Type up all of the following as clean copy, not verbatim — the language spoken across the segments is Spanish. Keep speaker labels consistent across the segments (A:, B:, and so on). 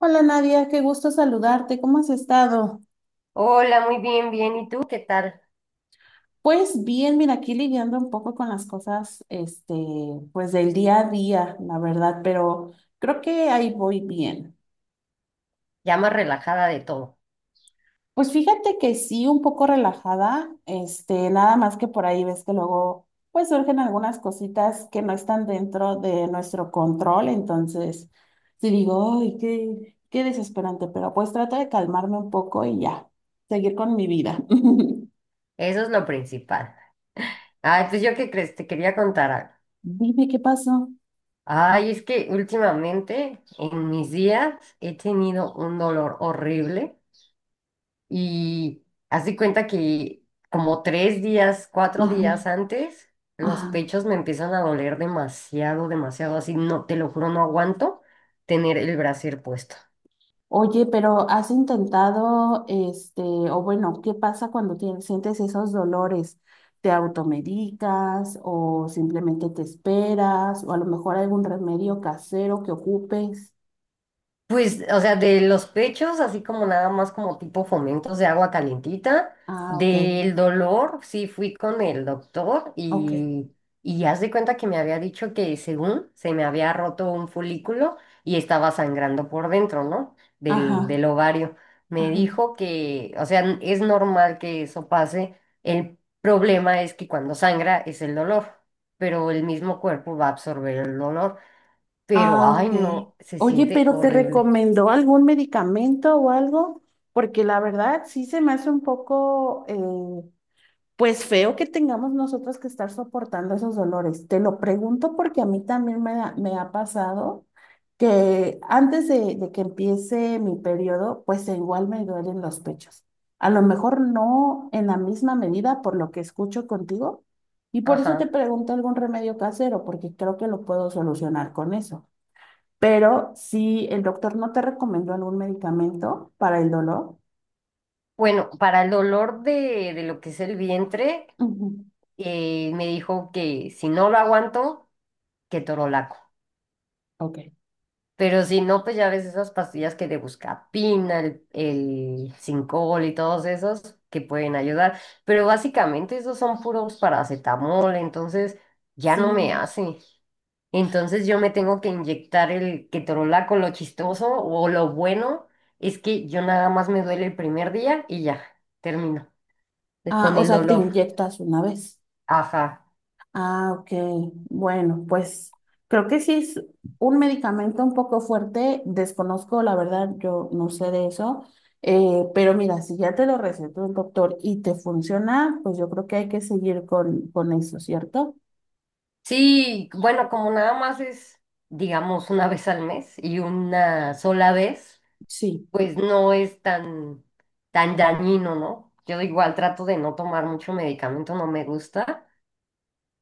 A: Hola Nadia, qué gusto saludarte. ¿Cómo has estado?
B: Hola, muy bien, bien. ¿Y tú qué tal?
A: Pues bien, mira, aquí lidiando un poco con las cosas, pues del día a día, la verdad, pero creo que ahí voy bien.
B: Ya más relajada de todo.
A: Pues fíjate que sí, un poco relajada, nada más que por ahí ves que luego, pues surgen algunas cositas que no están dentro de nuestro control, entonces sí digo, ay, qué desesperante, pero pues trato de calmarme un poco y ya, seguir con mi vida.
B: Eso es lo principal. Ay, pues yo qué crees, te quería contar algo.
A: Dime qué pasó.
B: Ay, es que últimamente en mis días he tenido un dolor horrible y haz de cuenta que como tres días, cuatro
A: Ajá,
B: días antes, los
A: ajá.
B: pechos me empiezan a doler demasiado, demasiado. Así no, te lo juro, no aguanto tener el brasier puesto.
A: Oye, pero has intentado, o bueno, ¿qué pasa cuando sientes esos dolores? ¿Te automedicas o simplemente te esperas? ¿O a lo mejor algún remedio casero que ocupes?
B: Pues, o sea, de los pechos, así como nada más como tipo fomentos de agua calientita,
A: Ah, ok,
B: del dolor, sí fui con el doctor
A: ok.
B: y haz de cuenta que me había dicho que según se me había roto un folículo y estaba sangrando por dentro, ¿no? Del,
A: Ajá,
B: del ovario. Me
A: ajá.
B: dijo que, o sea, es normal que eso pase. El problema es que cuando sangra es el dolor, pero el mismo cuerpo va a absorber el dolor. Pero,
A: Ah,
B: ay,
A: ok.
B: no, se
A: Oye,
B: siente
A: pero ¿te
B: horrible.
A: recomendó algún medicamento o algo? Porque la verdad sí se me hace un poco pues feo que tengamos nosotros que estar soportando esos dolores. Te lo pregunto porque a mí también me ha pasado que antes de que empiece mi periodo, pues igual me duelen los pechos. A lo mejor no en la misma medida por lo que escucho contigo y por eso te
B: Ajá.
A: pregunto algún remedio casero, porque creo que lo puedo solucionar con eso. Pero si el doctor no te recomendó algún medicamento para el dolor,
B: Bueno, para el dolor de lo que es el vientre,
A: ujú,
B: me dijo que si no lo aguanto, que torolaco.
A: ok,
B: Pero si no, pues ya ves esas pastillas que de buscapina, el Sincol y todos esos que pueden ayudar. Pero básicamente esos son puros paracetamol, entonces ya no me
A: sí.
B: hace. Entonces yo me tengo que inyectar el ketorolaco, lo chistoso o lo bueno es que yo nada más me duele el primer día y ya, termino
A: Ah,
B: con
A: o
B: el
A: sea, te
B: dolor.
A: inyectas una vez.
B: Ajá.
A: Ah, ok. Bueno, pues creo que sí es un medicamento un poco fuerte. Desconozco, la verdad, yo no sé de eso. Pero mira, si ya te lo recetó el doctor y te funciona, pues yo creo que hay que seguir con eso, ¿cierto?
B: Sí, bueno, como nada más es, digamos, una vez al mes y una sola vez,
A: Sí.
B: pues no es tan, tan dañino, ¿no? Yo igual trato de no tomar mucho medicamento, no me gusta,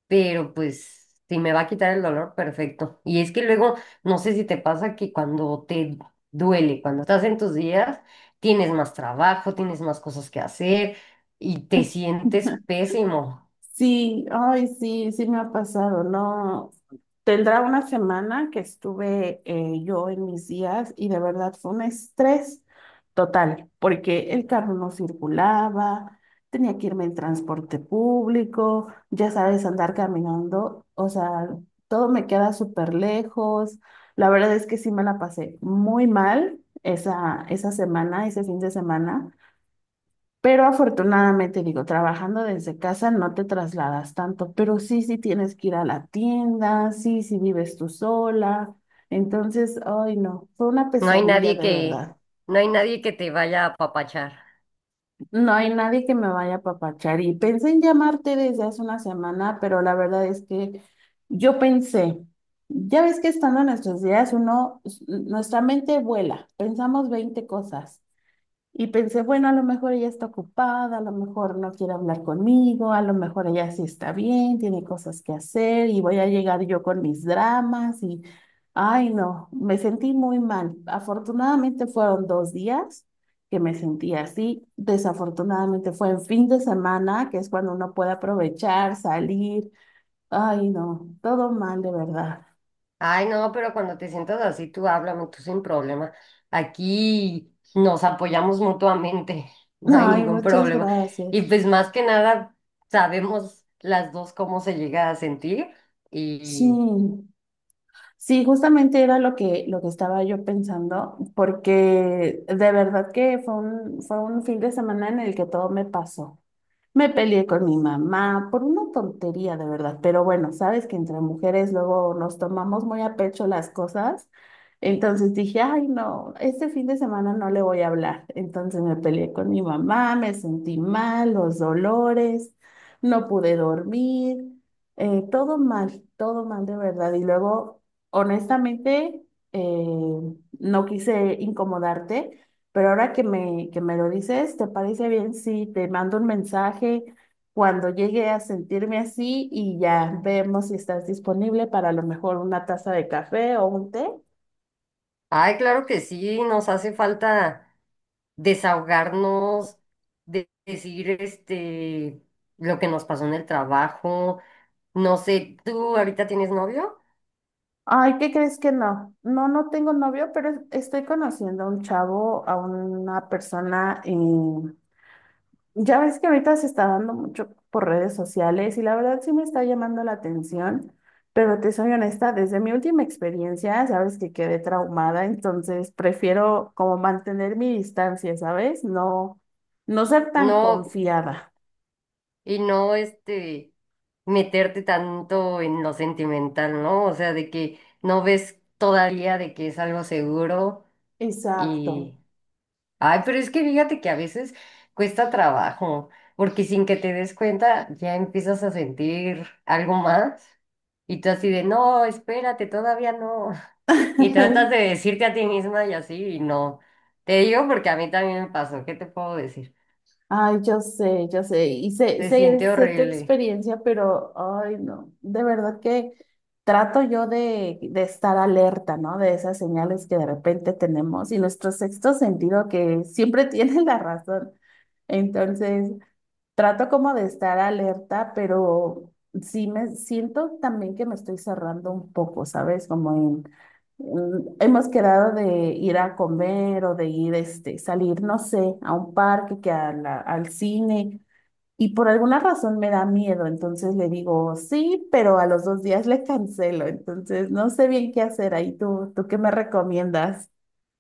B: pero pues si me va a quitar el dolor, perfecto. Y es que luego, no sé si te pasa que cuando te duele, cuando estás en tus días, tienes más trabajo, tienes más cosas que hacer y te sientes pésimo.
A: Sí, ay, sí, sí me ha pasado, ¿no? Tendrá una semana que estuve yo en mis días y de verdad fue un estrés total, porque el carro no circulaba, tenía que irme en transporte público, ya sabes, andar caminando, o sea, todo me queda súper lejos. La verdad es que sí me la pasé muy mal esa semana, ese fin de semana. Pero afortunadamente, digo, trabajando desde casa no te trasladas tanto, pero sí, sí tienes que ir a la tienda, sí, sí vives tú sola. Entonces, ay, no, fue una
B: No hay
A: pesadilla
B: nadie
A: de
B: que,
A: verdad.
B: no hay nadie que te vaya a apapachar.
A: No hay nadie que me vaya a papachar y pensé en llamarte desde hace una semana, pero la verdad es que yo pensé, ya ves que estando en nuestros días uno, nuestra mente vuela, pensamos 20 cosas. Y pensé, bueno, a lo mejor ella está ocupada, a lo mejor no quiere hablar conmigo, a lo mejor ella sí está bien, tiene cosas que hacer y voy a llegar yo con mis dramas y, ay, no, me sentí muy mal. Afortunadamente fueron 2 días que me sentí así. Desafortunadamente fue en fin de semana, que es cuando uno puede aprovechar, salir. Ay, no, todo mal de verdad.
B: Ay, no, pero cuando te sientas así, tú háblame, tú sin problema. Aquí nos apoyamos mutuamente, no hay
A: Ay,
B: ningún
A: muchas
B: problema. Y
A: gracias.
B: pues más que nada, sabemos las dos cómo se llega a sentir. Y,
A: Sí. Sí, justamente era lo que estaba yo pensando, porque de verdad que fue un fin de semana en el que todo me pasó. Me peleé con mi mamá por una tontería, de verdad. Pero bueno, sabes que entre mujeres luego nos tomamos muy a pecho las cosas. Entonces dije, ay, no, este fin de semana no le voy a hablar. Entonces me peleé con mi mamá, me sentí mal, los dolores, no pude dormir, todo mal de verdad. Y luego, honestamente, eh, no quise incomodarte. Pero ahora que me lo dices, ¿te parece bien si te mando un mensaje cuando llegue a sentirme así y ya vemos si estás disponible para a lo mejor una taza de café o un té?
B: ay, claro que sí, nos hace falta desahogarnos, decir este, lo que nos pasó en el trabajo. No sé, ¿tú ahorita tienes novio?
A: Ay, ¿qué crees que no? No, no tengo novio, pero estoy conociendo a un chavo, a una persona, ya ves que ahorita se está dando mucho por redes sociales y la verdad sí me está llamando la atención, pero te soy honesta, desde mi última experiencia, sabes que quedé traumada, entonces prefiero como mantener mi distancia, ¿sabes? No, no ser tan
B: No.
A: confiada.
B: Y no meterte tanto en lo sentimental, ¿no? O sea, de que no ves todavía de que es algo seguro
A: Exacto.
B: y ay, pero es que fíjate que a veces cuesta trabajo, porque sin que te des cuenta ya empiezas a sentir algo más y tú así de no, espérate, todavía no. Y tratas de decirte a ti misma y así y no. Te digo porque a mí también me pasó, ¿qué te puedo decir?
A: Ay, yo sé, y sé,
B: Se
A: sé,
B: siente
A: sé tu
B: horrible.
A: experiencia, pero, ay, no, de verdad que trato yo de estar alerta, ¿no? De esas señales que de repente tenemos y nuestro sexto sentido que siempre tiene la razón. Entonces, trato como de estar alerta, pero sí me siento también que me estoy cerrando un poco, ¿sabes? Como en, hemos quedado de ir a comer o de ir, salir, no sé, a un parque, que al cine, y por alguna razón me da miedo, entonces le digo sí, pero a los 2 días le cancelo, entonces no sé bien qué hacer ahí. ¿Tú qué me recomiendas?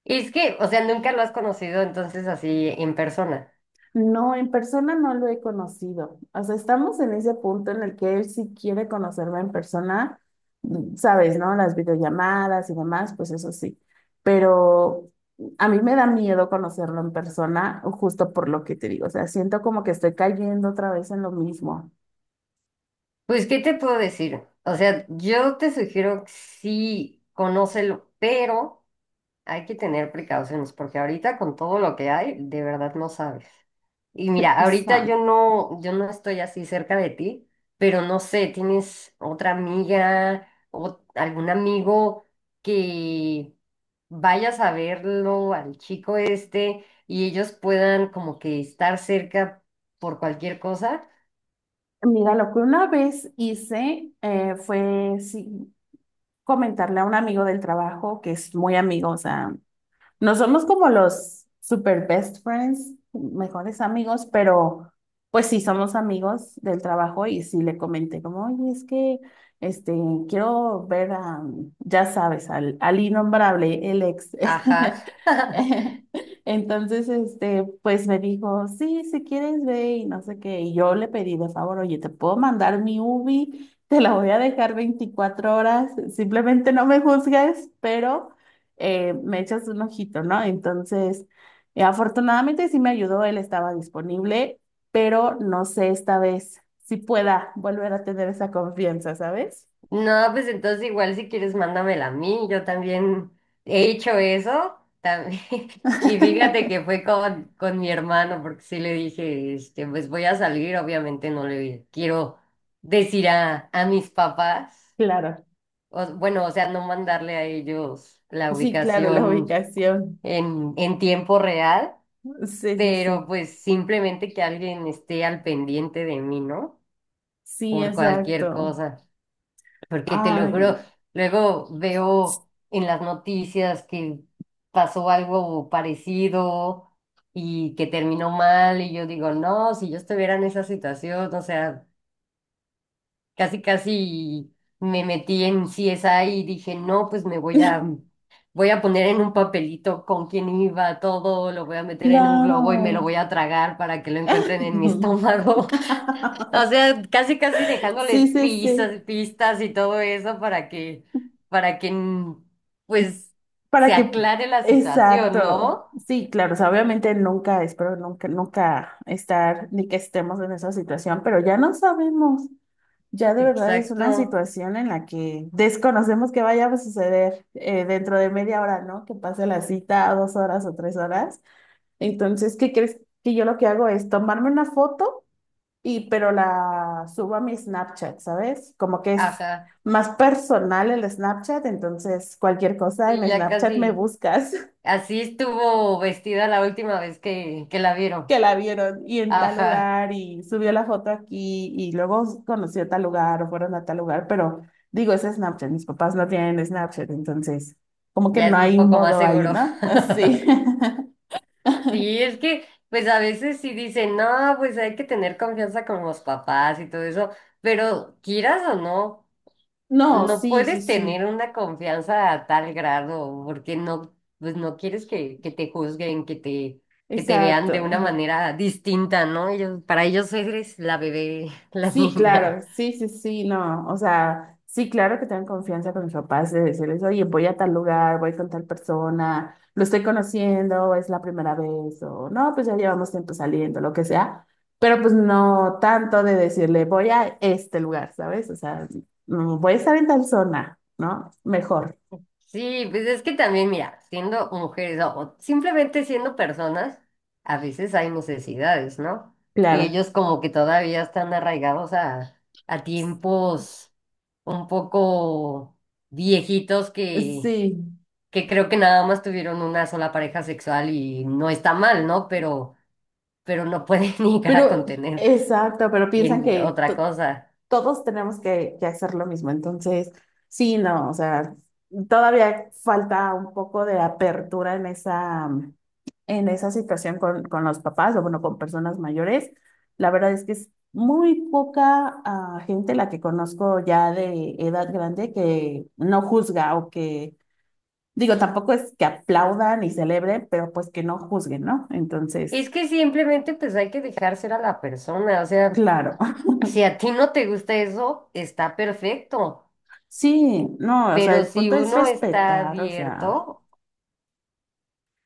B: Y es que, o sea, nunca lo has conocido entonces así en persona.
A: No, en persona no lo he conocido. O sea, estamos en ese punto en el que él sí quiere conocerme en persona, mm, sabes, ¿no? Las videollamadas y demás, pues eso sí. Pero a mí me da miedo conocerlo en persona, justo por lo que te digo. O sea, siento como que estoy cayendo otra vez en lo mismo.
B: Pues, ¿qué te puedo decir? O sea, yo te sugiero que sí, conócelo, pero hay que tener precauciones porque ahorita con todo lo que hay, de verdad no sabes. Y mira, ahorita
A: Exacto.
B: yo no estoy así cerca de ti, pero no sé, ¿tienes otra amiga o algún amigo que vayas a verlo al chico este y ellos puedan como que estar cerca por cualquier cosa?
A: Mira, lo que una vez hice fue sí, comentarle a un amigo del trabajo, que es muy amigo, o sea, no somos como los super best friends, mejores amigos, pero pues sí somos amigos del trabajo y sí le comenté como, oye, es que este, quiero ver a, ya sabes, al innombrable, el ex.
B: Ajá.
A: Entonces, pues me dijo, sí, si quieres ve y no sé qué. Y yo le pedí de favor, oye, ¿te puedo mandar mi Ubi? Te la voy a dejar 24 horas, simplemente no me juzgues, pero me echas un ojito, ¿no? Entonces, afortunadamente sí me ayudó, él estaba disponible, pero no sé esta vez si pueda volver a tener esa confianza, ¿sabes?
B: No, pues entonces igual si quieres mándamela a mí, yo también he hecho eso también. Y fíjate que fue con mi hermano, porque sí le dije, este, pues voy a salir, obviamente no le quiero decir a mis papás,
A: Claro,
B: o- bueno, o sea, no mandarle a ellos la
A: sí, claro, la
B: ubicación
A: ubicación.
B: en tiempo real,
A: Sí, sí, sí.
B: pero pues simplemente que alguien esté al pendiente de mí, ¿no?
A: Sí,
B: Por cualquier
A: exacto.
B: cosa. Porque te lo
A: Ay,
B: juro, luego veo en las noticias que pasó algo parecido y que terminó mal y yo digo, no, si yo estuviera en esa situación, o sea, casi casi me metí en CSI y dije, no, pues me voy a, voy a poner en un papelito con quién iba todo, lo voy a meter en un globo y me lo voy
A: claro.
B: a tragar para que lo encuentren en mi estómago. O sea, casi casi dejándoles
A: Sí, sí, sí.
B: pistas, pistas y todo eso para que, para que, pues,
A: Para
B: se
A: que,
B: aclare la situación,
A: exacto.
B: ¿no?
A: Sí, claro, o sea, obviamente nunca, espero nunca, nunca estar ni que estemos en esa situación, pero ya no sabemos. Ya de verdad es una
B: Exacto.
A: situación en la que desconocemos que vaya a suceder dentro de media hora, ¿no? Que pase la cita a 2 horas o 3 horas. Entonces, ¿qué crees que yo lo que hago es tomarme una foto y pero la subo a mi Snapchat, ¿sabes? Como que es
B: Ajá.
A: más personal el Snapchat, entonces cualquier cosa
B: Sí,
A: en
B: ya
A: Snapchat me
B: casi.
A: buscas.
B: Así estuvo vestida la última vez que la vieron.
A: Que la vieron y en tal
B: Ajá.
A: lugar y subió la foto aquí y luego conoció tal lugar o fueron a tal lugar, pero digo, es Snapchat, mis papás no tienen Snapchat, entonces como que
B: Ya
A: no
B: es un
A: hay un
B: poco más
A: modo ahí,
B: seguro.
A: ¿no? Sí.
B: Sí, es que, pues a veces sí dicen, no, pues hay que tener confianza con los papás y todo eso, pero quieras o no.
A: No,
B: No
A: sí, sí,
B: puedes
A: sí.
B: tener una confianza a tal grado, porque no, pues no quieres que te juzguen, que te vean
A: Exacto.
B: de una manera distinta, ¿no? Ellos, para ellos eres la bebé, la
A: Sí, claro,
B: niña.
A: sí, sí, sí, no, o sea, sí, claro que tengan confianza con mis papás de decirles, oye, voy a tal lugar, voy con tal persona, lo estoy conociendo, es la primera vez, o no, pues ya llevamos tiempo saliendo, lo que sea, pero pues no tanto de decirle, voy a este lugar, ¿sabes? O sea, mm, voy a estar en tal zona, ¿no? Mejor,
B: Sí, pues es que también, mira, siendo mujeres o simplemente siendo personas, a veces hay necesidades, ¿no? Y
A: claro,
B: ellos como que todavía están arraigados a tiempos un poco viejitos que
A: sí,
B: que creo que nada más tuvieron una sola pareja sexual y no está mal, ¿no? Pero no pueden llegar a
A: pero,
B: contener
A: exacto, pero piensan
B: en
A: que
B: otra cosa.
A: todos tenemos que hacer lo mismo. Entonces, sí, no, o sea, todavía falta un poco de apertura en esa situación con los papás o, bueno, con personas mayores. La verdad es que es muy poca gente la que conozco ya de edad grande que no juzga o que, digo, tampoco es que aplaudan y celebren, pero pues que no juzguen, ¿no? Entonces,
B: Es que simplemente pues hay que dejar ser a la persona, o sea,
A: claro,
B: si a ti no te gusta eso, está perfecto,
A: sí, no, o sea,
B: pero
A: el
B: si
A: punto es
B: uno está
A: respetar, o sea,
B: abierto.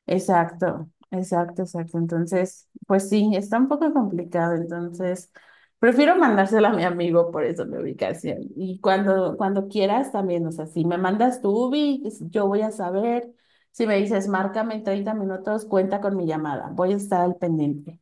A: exacto, exacto, exacto. Entonces, pues sí, está un poco complicado. Entonces, prefiero mandárselo a mi amigo por eso mi ubicación. Y cuando quieras también, o sea, si me mandas tu ubi, yo voy a saber. Si me dices, márcame en 30 minutos, cuenta con mi llamada. Voy a estar al pendiente.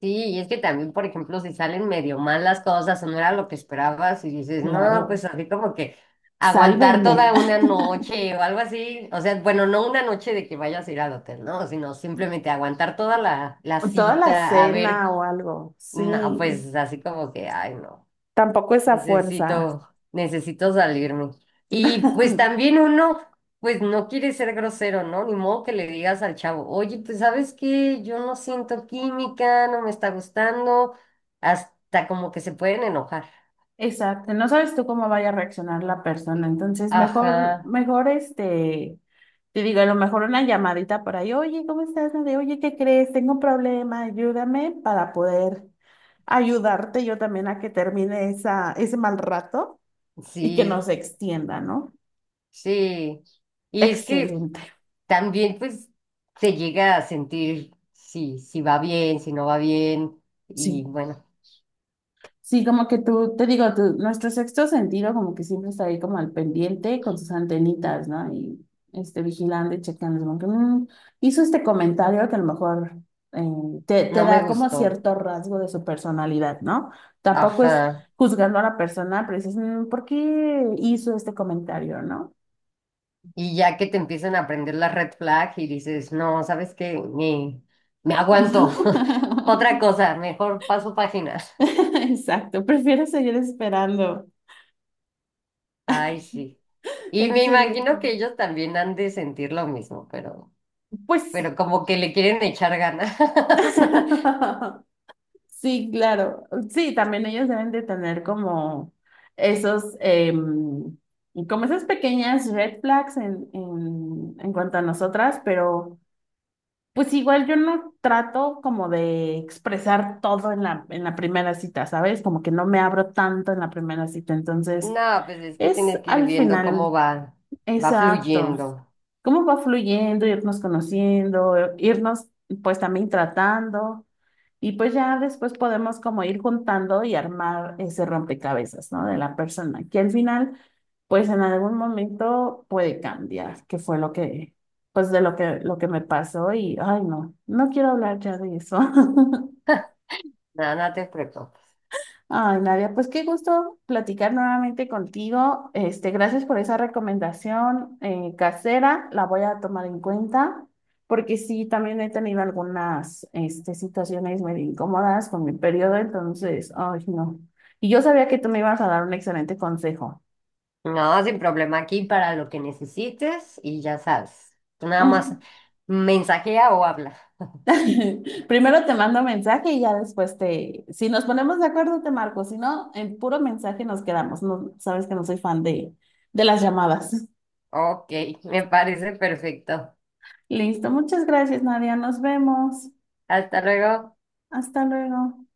B: Sí, y es que también, por ejemplo, si salen medio mal las cosas o no era lo que esperabas y dices, no,
A: Claro,
B: pues así como que aguantar
A: sálvenme.
B: toda una noche o algo así, o sea, bueno, no una noche de que vayas a ir al hotel, ¿no? Sino simplemente aguantar toda la, la
A: Toda la
B: cita, a ver,
A: cena o algo.
B: no,
A: Sí,
B: pues así como que, ay, no.
A: tampoco esa fuerza.
B: Necesito, necesito salirme. Y pues también uno, pues no quiere ser grosero, ¿no? Ni modo que le digas al chavo, oye, pues sabes qué, yo no siento química, no me está gustando, hasta como que se pueden enojar.
A: Exacto, no sabes tú cómo vaya a reaccionar la persona, entonces mejor,
B: Ajá,
A: mejor te digo, a lo mejor una llamadita por ahí, oye, ¿cómo estás? ¿No? De, oye, ¿qué crees? Tengo un problema, ayúdame para poder ayudarte yo también a que termine esa, ese mal rato y que
B: sí,
A: no se extienda, ¿no?
B: sí. Y es que
A: Excelente.
B: también pues se llega a sentir si, si va bien, si no va bien, y
A: Sí.
B: bueno,
A: Sí, como que tú, te digo, nuestro sexto sentido como que siempre está ahí como al pendiente con sus antenitas, ¿no? Y vigilando y checando, como que, "Mm, hizo este comentario que a lo mejor te
B: no me
A: da como
B: gustó.
A: cierto rasgo de su personalidad, ¿no? Tampoco es
B: Ajá.
A: juzgando a la persona, pero dices, "Mm, ¿por qué hizo este comentario?", ¿no?
B: Y ya que te empiezan a aprender la red flag y dices, no, ¿sabes qué? Me aguanto. Otra cosa, mejor paso páginas.
A: Exacto, prefiero seguir esperando.
B: Ay, sí. Y me imagino
A: Excelente.
B: que ellos también han de sentir lo mismo,
A: Pues...
B: pero como que le quieren echar ganas.
A: Sí, claro. Sí, también ellos deben de tener como esos, como esas pequeñas red flags en cuanto a nosotras, pero pues igual yo no trato como de expresar todo en la primera cita, ¿sabes? Como que no me abro tanto en la primera cita, entonces
B: No, pues es que
A: es
B: tienes que ir
A: al
B: viendo cómo
A: final.
B: va, va
A: Exacto.
B: fluyendo.
A: ¿Cómo va fluyendo, irnos conociendo, irnos pues también tratando? Y pues ya después podemos como ir juntando y armar ese rompecabezas, ¿no? De la persona, que al final, pues en algún momento puede cambiar, que fue lo que, pues de lo que me pasó y, ay, no, no quiero hablar ya de eso.
B: Nada, no te preocupes.
A: Ay, Nadia, pues qué gusto platicar nuevamente contigo. Gracias por esa recomendación casera, la voy a tomar en cuenta, porque sí, también he tenido algunas situaciones medio incómodas con mi periodo, entonces, ay, no. Y yo sabía que tú me ibas a dar un excelente consejo.
B: No, sin problema aquí para lo que necesites y ya sabes. Tú nada más
A: Mm.
B: mensajea o habla.
A: Primero te mando mensaje y ya después te, si nos ponemos de acuerdo, te marco, si no, en puro mensaje nos quedamos. No, sabes que no soy fan de las llamadas.
B: Ok, me parece perfecto.
A: Listo, muchas gracias, Nadia. Nos vemos.
B: Hasta luego.
A: Hasta luego.